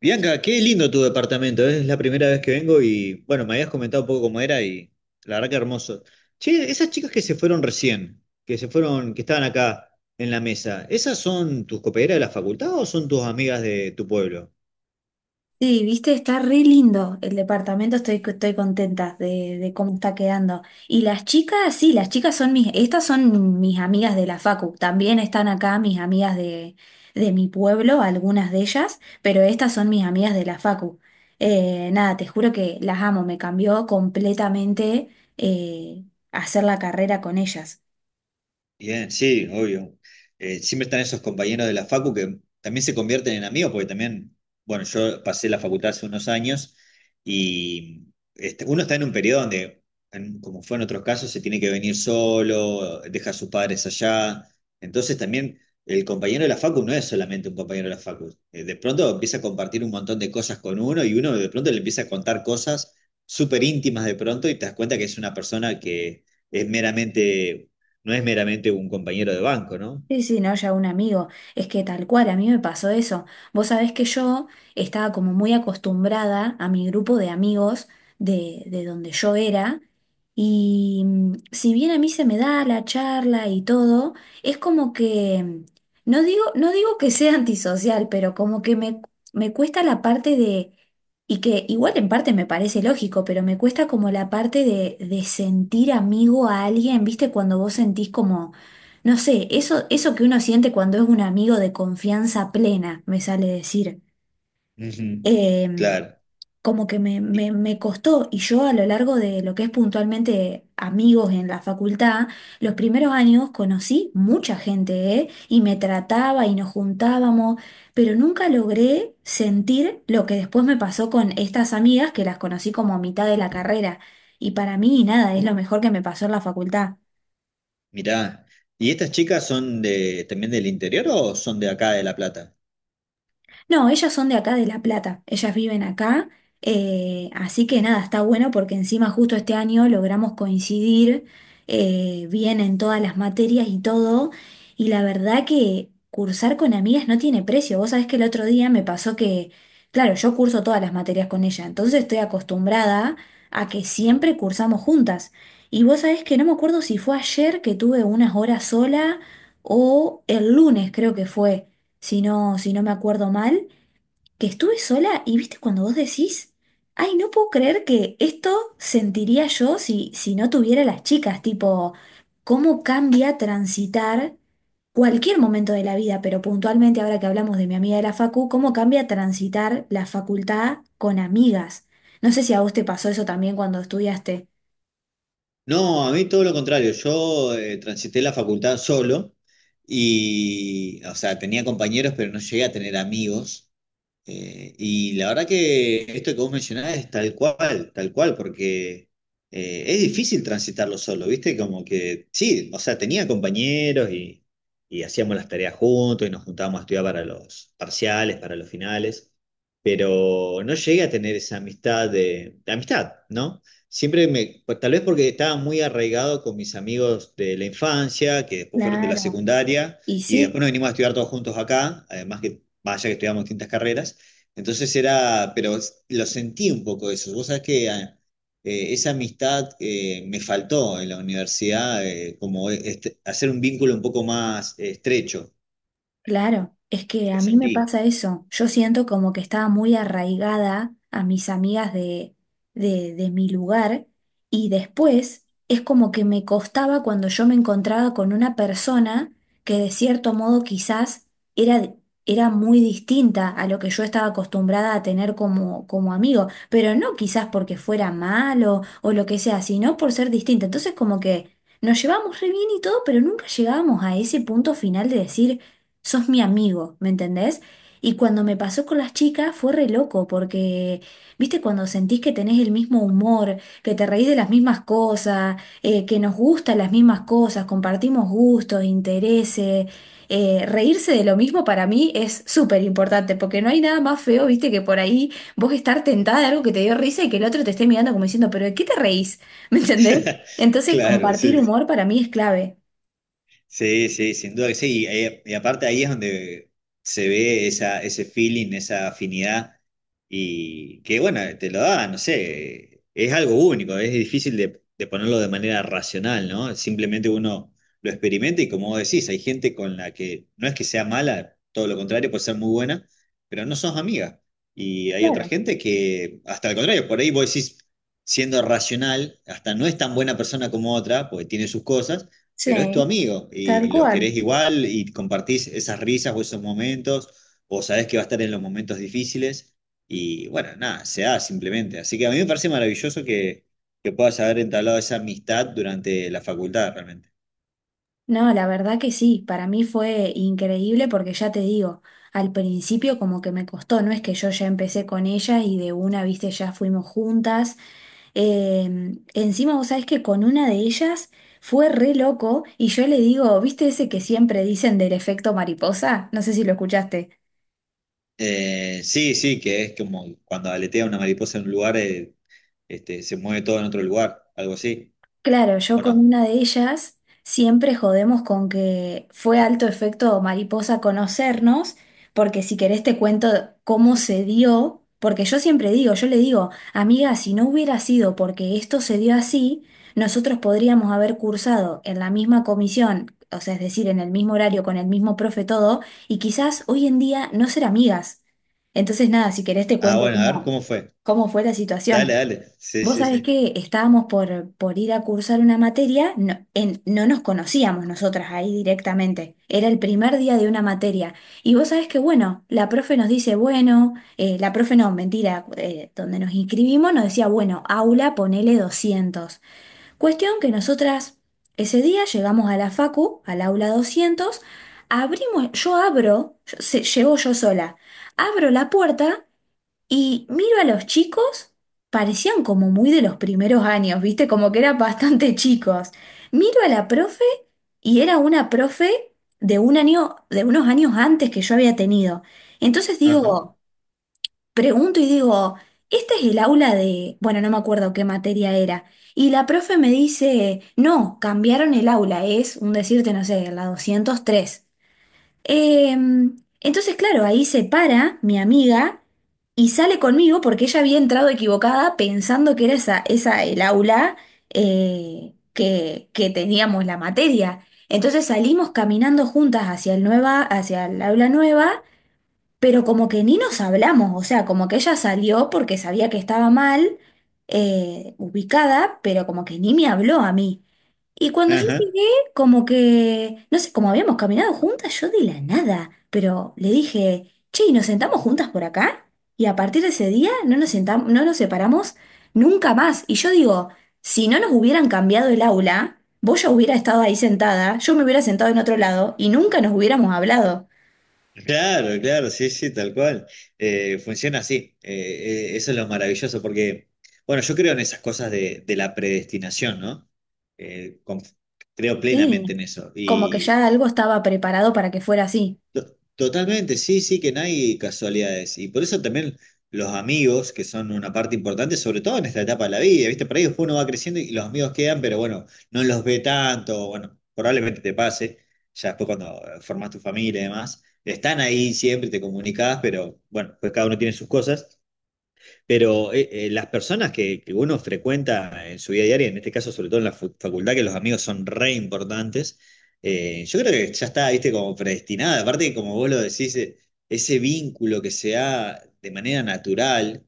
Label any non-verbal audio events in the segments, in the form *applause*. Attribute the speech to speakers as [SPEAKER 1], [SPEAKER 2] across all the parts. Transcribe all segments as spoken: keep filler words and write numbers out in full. [SPEAKER 1] Bianca, qué lindo tu departamento, ¿eh? Es la primera vez que vengo y bueno, me habías comentado un poco cómo era y la verdad que hermoso. Che, esas chicas que se fueron recién, que se fueron, que estaban acá en la mesa, ¿esas son tus coperas de la facultad o son tus amigas de tu pueblo?
[SPEAKER 2] Sí, viste, está re lindo el departamento, estoy, estoy contenta de, de cómo está quedando. Y las chicas, sí, las chicas son mis, estas son mis amigas de la facu, también están acá mis amigas de, de mi pueblo, algunas de ellas, pero estas son mis amigas de la facu. Eh, nada, te juro que las amo, me cambió completamente eh, hacer la carrera con ellas.
[SPEAKER 1] Bien, sí, obvio. Eh, siempre están esos compañeros de la facu que también se convierten en amigos, porque también, bueno, yo pasé la facultad hace unos años y este, uno está en un periodo donde, en- como fue en otros casos, se tiene que venir solo, deja a sus padres allá. Entonces también el compañero de la facu no es solamente un compañero de la facu. Eh, de pronto empieza a compartir un montón de cosas con uno y uno de pronto le empieza a contar cosas súper íntimas de pronto y te das cuenta que es una persona que es meramente no es meramente un compañero de banco, ¿no?
[SPEAKER 2] Sí, sí, no, ya un amigo. Es que tal cual, a mí me pasó eso. Vos sabés que yo estaba como muy acostumbrada a mi grupo de amigos de, de donde yo era. Y mm, si bien a mí se me da la charla y todo, es como que, mm, no digo, no digo que sea antisocial, pero como que me, me cuesta la parte de, y que igual en parte me parece lógico, pero me cuesta como la parte de, de sentir amigo a alguien, ¿viste? Cuando vos sentís como no sé, eso, eso que uno siente cuando es un amigo de confianza plena, me sale decir.
[SPEAKER 1] Ujú.
[SPEAKER 2] Em,
[SPEAKER 1] Claro.
[SPEAKER 2] como que me,
[SPEAKER 1] Y,
[SPEAKER 2] me, me costó, y yo a lo largo de lo que es puntualmente amigos en la facultad, los primeros años conocí mucha gente, ¿eh? Y me trataba y nos juntábamos, pero nunca logré sentir lo que después me pasó con estas amigas que las conocí como a mitad de la carrera. Y para mí, nada, es lo mejor que me pasó en la facultad.
[SPEAKER 1] mirá, ¿y estas chicas son de, también del interior o son de acá de La Plata?
[SPEAKER 2] No, ellas son de acá de La Plata, ellas viven acá, eh, así que nada, está bueno porque encima justo este año logramos coincidir eh, bien en todas las materias y todo, y la verdad que cursar con amigas no tiene precio. Vos sabés que el otro día me pasó que, claro, yo curso todas las materias con ella, entonces estoy acostumbrada a que siempre cursamos juntas. Y vos sabés que no me acuerdo si fue ayer que tuve unas horas sola o el lunes creo que fue si no, si no me acuerdo mal, que estuve sola y viste cuando vos decís, ay, no puedo creer que esto sentiría yo si, si no tuviera las chicas, tipo, cómo cambia transitar cualquier momento de la vida, pero puntualmente ahora que hablamos de mi amiga de la facu, cómo cambia transitar la facultad con amigas. No sé si a vos te pasó eso también cuando estudiaste.
[SPEAKER 1] No, a mí todo lo contrario. Yo eh, transité la facultad solo y, o sea, tenía compañeros, pero no llegué a tener amigos. Eh, y la verdad que esto que vos mencionás es tal cual, tal cual, porque eh, es difícil transitarlo solo, ¿viste? Como que sí, o sea, tenía compañeros y, y hacíamos las tareas juntos y nos juntábamos a estudiar para los parciales, para los finales, pero no llegué a tener esa amistad de, de amistad, ¿no? Siempre me, pues, tal vez porque estaba muy arraigado con mis amigos de la infancia, que después fueron de la
[SPEAKER 2] Claro.
[SPEAKER 1] secundaria,
[SPEAKER 2] Y
[SPEAKER 1] y después
[SPEAKER 2] sí.
[SPEAKER 1] nos vinimos a estudiar todos juntos acá, además que, vaya que estudiamos distintas carreras. Entonces era, pero lo sentí un poco eso. Vos sabés que ah, eh, esa amistad eh, me faltó en la universidad, eh, como este- hacer un vínculo un poco más eh, estrecho.
[SPEAKER 2] Claro, es que
[SPEAKER 1] Lo
[SPEAKER 2] a mí me
[SPEAKER 1] sentí.
[SPEAKER 2] pasa eso. Yo siento como que estaba muy arraigada a mis amigas de, de, de mi lugar y después es como que me costaba cuando yo me encontraba con una persona que de cierto modo quizás era, era muy distinta a lo que yo estaba acostumbrada a tener como, como amigo, pero no quizás porque fuera malo o lo que sea, sino por ser distinta. Entonces como que nos llevamos re bien y todo, pero nunca llegábamos a ese punto final de decir sos mi amigo, ¿me entendés? Y cuando me pasó con las chicas fue re loco, porque, viste, cuando sentís que tenés el mismo humor, que te reís de las mismas cosas, eh, que nos gustan las mismas cosas, compartimos gustos, intereses, eh, reírse de lo mismo para mí es súper importante, porque no hay nada más feo, viste, que por ahí vos estar tentada de algo que te dio risa y que el otro te esté mirando como diciendo, pero ¿de qué te reís? *laughs* ¿Me entendés?
[SPEAKER 1] *laughs*
[SPEAKER 2] Entonces,
[SPEAKER 1] Claro,
[SPEAKER 2] compartir
[SPEAKER 1] sí. Sí.
[SPEAKER 2] humor para mí es clave.
[SPEAKER 1] Sí, sí, sin duda que sí. Y, eh, y aparte ahí es donde se ve esa, ese feeling, esa afinidad, y que bueno, te lo da, no sé, es algo único, es difícil de, de ponerlo de manera racional, ¿no? Simplemente uno lo experimenta y como vos decís, hay gente con la que no es que sea mala, todo lo contrario, puede ser muy buena, pero no sos amiga. Y hay otra
[SPEAKER 2] Claro,
[SPEAKER 1] gente que, hasta el contrario, por ahí vos decís, siendo racional, hasta no es tan buena persona como otra, porque tiene sus cosas pero es tu
[SPEAKER 2] sí,
[SPEAKER 1] amigo y
[SPEAKER 2] tal
[SPEAKER 1] lo querés
[SPEAKER 2] cual.
[SPEAKER 1] igual y compartís esas risas o esos momentos, o sabés que va a estar en los momentos difíciles y bueno, nada, se da simplemente. Así que a mí me parece maravilloso que, que puedas haber entablado esa amistad durante la facultad realmente.
[SPEAKER 2] No, la verdad que sí, para mí fue increíble porque ya te digo, al principio como que me costó, no es que yo ya empecé con ella y de una, viste, ya fuimos juntas. Eh, encima vos sabés que con una de ellas fue re loco y yo le digo, ¿viste ese que siempre dicen del efecto mariposa? No sé si lo escuchaste.
[SPEAKER 1] Eh, sí, sí, que es como cuando aletea una mariposa en un lugar, eh, este, se mueve todo en otro lugar, algo así,
[SPEAKER 2] Claro, yo
[SPEAKER 1] ¿o
[SPEAKER 2] con
[SPEAKER 1] no?
[SPEAKER 2] una de ellas siempre jodemos con que fue alto efecto mariposa conocernos, porque si querés te cuento cómo se dio, porque yo siempre digo, yo le digo, amiga, si no hubiera sido porque esto se dio así, nosotros podríamos haber cursado en la misma comisión, o sea, es decir, en el mismo horario, con el mismo profe, todo, y quizás hoy en día no ser amigas. Entonces, nada, si querés te
[SPEAKER 1] Ah,
[SPEAKER 2] cuento
[SPEAKER 1] bueno, a ver,
[SPEAKER 2] cómo,
[SPEAKER 1] ¿cómo fue?
[SPEAKER 2] cómo fue la
[SPEAKER 1] Dale,
[SPEAKER 2] situación.
[SPEAKER 1] dale. Sí,
[SPEAKER 2] Vos
[SPEAKER 1] sí,
[SPEAKER 2] sabés
[SPEAKER 1] sí.
[SPEAKER 2] que estábamos por, por ir a cursar una materia, no, en- no nos conocíamos nosotras ahí directamente, era el primer día de una materia. Y vos sabés que, bueno, la profe nos dice, bueno, eh, la profe no, mentira, eh, donde nos inscribimos nos decía, bueno, aula, ponele doscientos. Cuestión que nosotras ese día llegamos a la facu, al aula doscientos, abrimos, yo abro, yo- se- llego yo sola, abro la puerta. Y miro a los chicos, parecían como muy de los primeros años, ¿viste? Como que eran bastante *laughs* chicos. Miro a la profe y era una profe de un año, de unos años antes que yo había tenido. Entonces
[SPEAKER 1] Ajá,
[SPEAKER 2] digo, pregunto y digo, ¿este es el aula de, bueno, no me acuerdo qué materia era? Y la profe me dice, no, cambiaron el aula, es un decirte, no sé, la doscientos tres. Em, entonces, claro, ahí se para mi amiga y sale conmigo porque ella había entrado equivocada pensando que era esa, esa el aula eh, que, que teníamos la materia. Entonces salimos caminando juntas hacia el nueva, hacia el aula nueva, pero como que ni nos hablamos, o sea, como que ella salió porque sabía que estaba mal eh, ubicada, pero como que ni me habló a mí. Y cuando yo
[SPEAKER 1] ajá.
[SPEAKER 2] llegué, como que, no sé, como habíamos caminado juntas, yo de la nada, pero le dije, che, ¿y nos sentamos juntas por acá? Y a partir de ese día no nos sentam- no nos separamos nunca más. Y yo digo, si no nos hubieran cambiado el aula, vos ya hubiera estado ahí sentada, yo me hubiera sentado en otro lado y nunca nos hubiéramos hablado.
[SPEAKER 1] Claro, claro, sí, sí, tal cual. Eh, funciona así. Eh, eh, eso es lo maravilloso, porque, bueno, yo creo en esas cosas de, de la predestinación, ¿no? Eh, conf- creo
[SPEAKER 2] Sí,
[SPEAKER 1] plenamente en eso.
[SPEAKER 2] como que ya algo estaba preparado para que fuera así.
[SPEAKER 1] To- Totalmente, sí, sí, que no hay casualidades. Y por eso también los amigos, que son una parte importante, sobre todo en esta etapa de la vida, ¿viste? Por ahí después uno va creciendo y los amigos quedan, pero bueno, no los ve tanto, bueno, probablemente te pase, ya después cuando eh, formas tu familia y demás, están ahí siempre, te comunicás, pero bueno, pues cada uno tiene sus cosas. Pero eh, eh, las personas que, que uno frecuenta en su vida diaria, en este caso sobre todo en la fu- facultad, que los amigos son re importantes, eh, yo creo que ya está, viste, como predestinada. Aparte, como vos lo decís, eh, ese vínculo que se da de manera natural,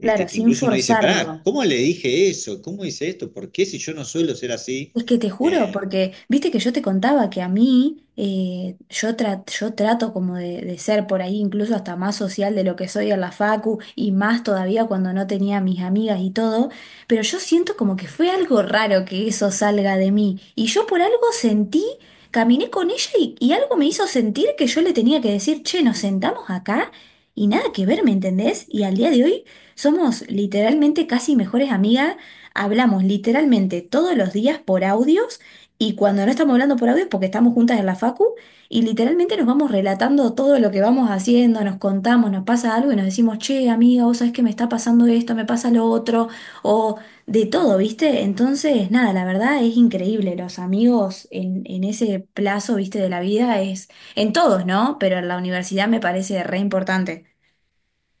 [SPEAKER 2] Claro,
[SPEAKER 1] que
[SPEAKER 2] sin
[SPEAKER 1] incluso uno dice, pará,
[SPEAKER 2] forzarlo.
[SPEAKER 1] ¿cómo le dije eso? ¿Cómo hice esto? ¿Por qué si yo no suelo ser así?
[SPEAKER 2] Es que te juro,
[SPEAKER 1] Eh,
[SPEAKER 2] porque viste que yo te contaba que a mí, eh, yo, tra- yo trato como de, de ser por ahí incluso hasta más social de lo que soy en la facu y más todavía cuando no tenía mis amigas y todo, pero yo siento como que fue algo raro que eso salga de mí y yo por algo sentí, caminé con ella y, y algo me hizo sentir que yo le tenía que decir, che, nos sentamos acá y nada que ver, ¿me entendés? Y al día de hoy somos literalmente casi mejores amigas. Hablamos literalmente todos los días por audios y cuando no estamos hablando por audios porque estamos juntas en la facu y literalmente nos vamos relatando todo lo que vamos haciendo, nos contamos, nos pasa algo y nos decimos, che, amiga, vos sabés que me está pasando esto, me pasa lo otro, o de todo, ¿viste? Entonces, nada, la verdad es increíble, los amigos en, en ese plazo, ¿viste? De la vida es en todos, ¿no? Pero en la universidad me parece re importante.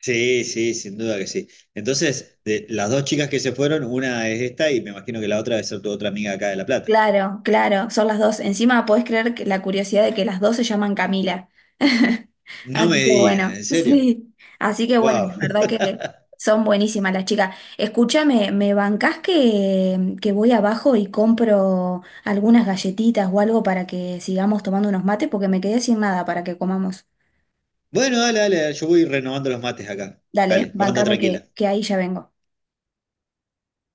[SPEAKER 1] sí, sí, sin duda que sí. Entonces, de las dos chicas que se fueron, una es esta y me imagino que la otra debe ser tu otra amiga acá de La Plata.
[SPEAKER 2] Claro, claro, son las dos. Encima podés creer que la curiosidad de que las dos se llaman Camila. *laughs*
[SPEAKER 1] No
[SPEAKER 2] Así
[SPEAKER 1] me
[SPEAKER 2] que
[SPEAKER 1] digas,
[SPEAKER 2] bueno,
[SPEAKER 1] ¿en
[SPEAKER 2] *laughs*
[SPEAKER 1] serio?
[SPEAKER 2] sí. Así que bueno,
[SPEAKER 1] Wow.
[SPEAKER 2] la verdad
[SPEAKER 1] *laughs*
[SPEAKER 2] que son buenísimas las chicas. Escúchame, ¿me bancás que, que voy abajo y compro algunas galletitas o algo para que sigamos tomando unos mates? Porque me quedé sin nada para que comamos.
[SPEAKER 1] Bueno, dale, dale, yo voy renovando los mates acá.
[SPEAKER 2] Dale,
[SPEAKER 1] Dale, vos anda
[SPEAKER 2] bancame que,
[SPEAKER 1] tranquila.
[SPEAKER 2] que ahí ya vengo.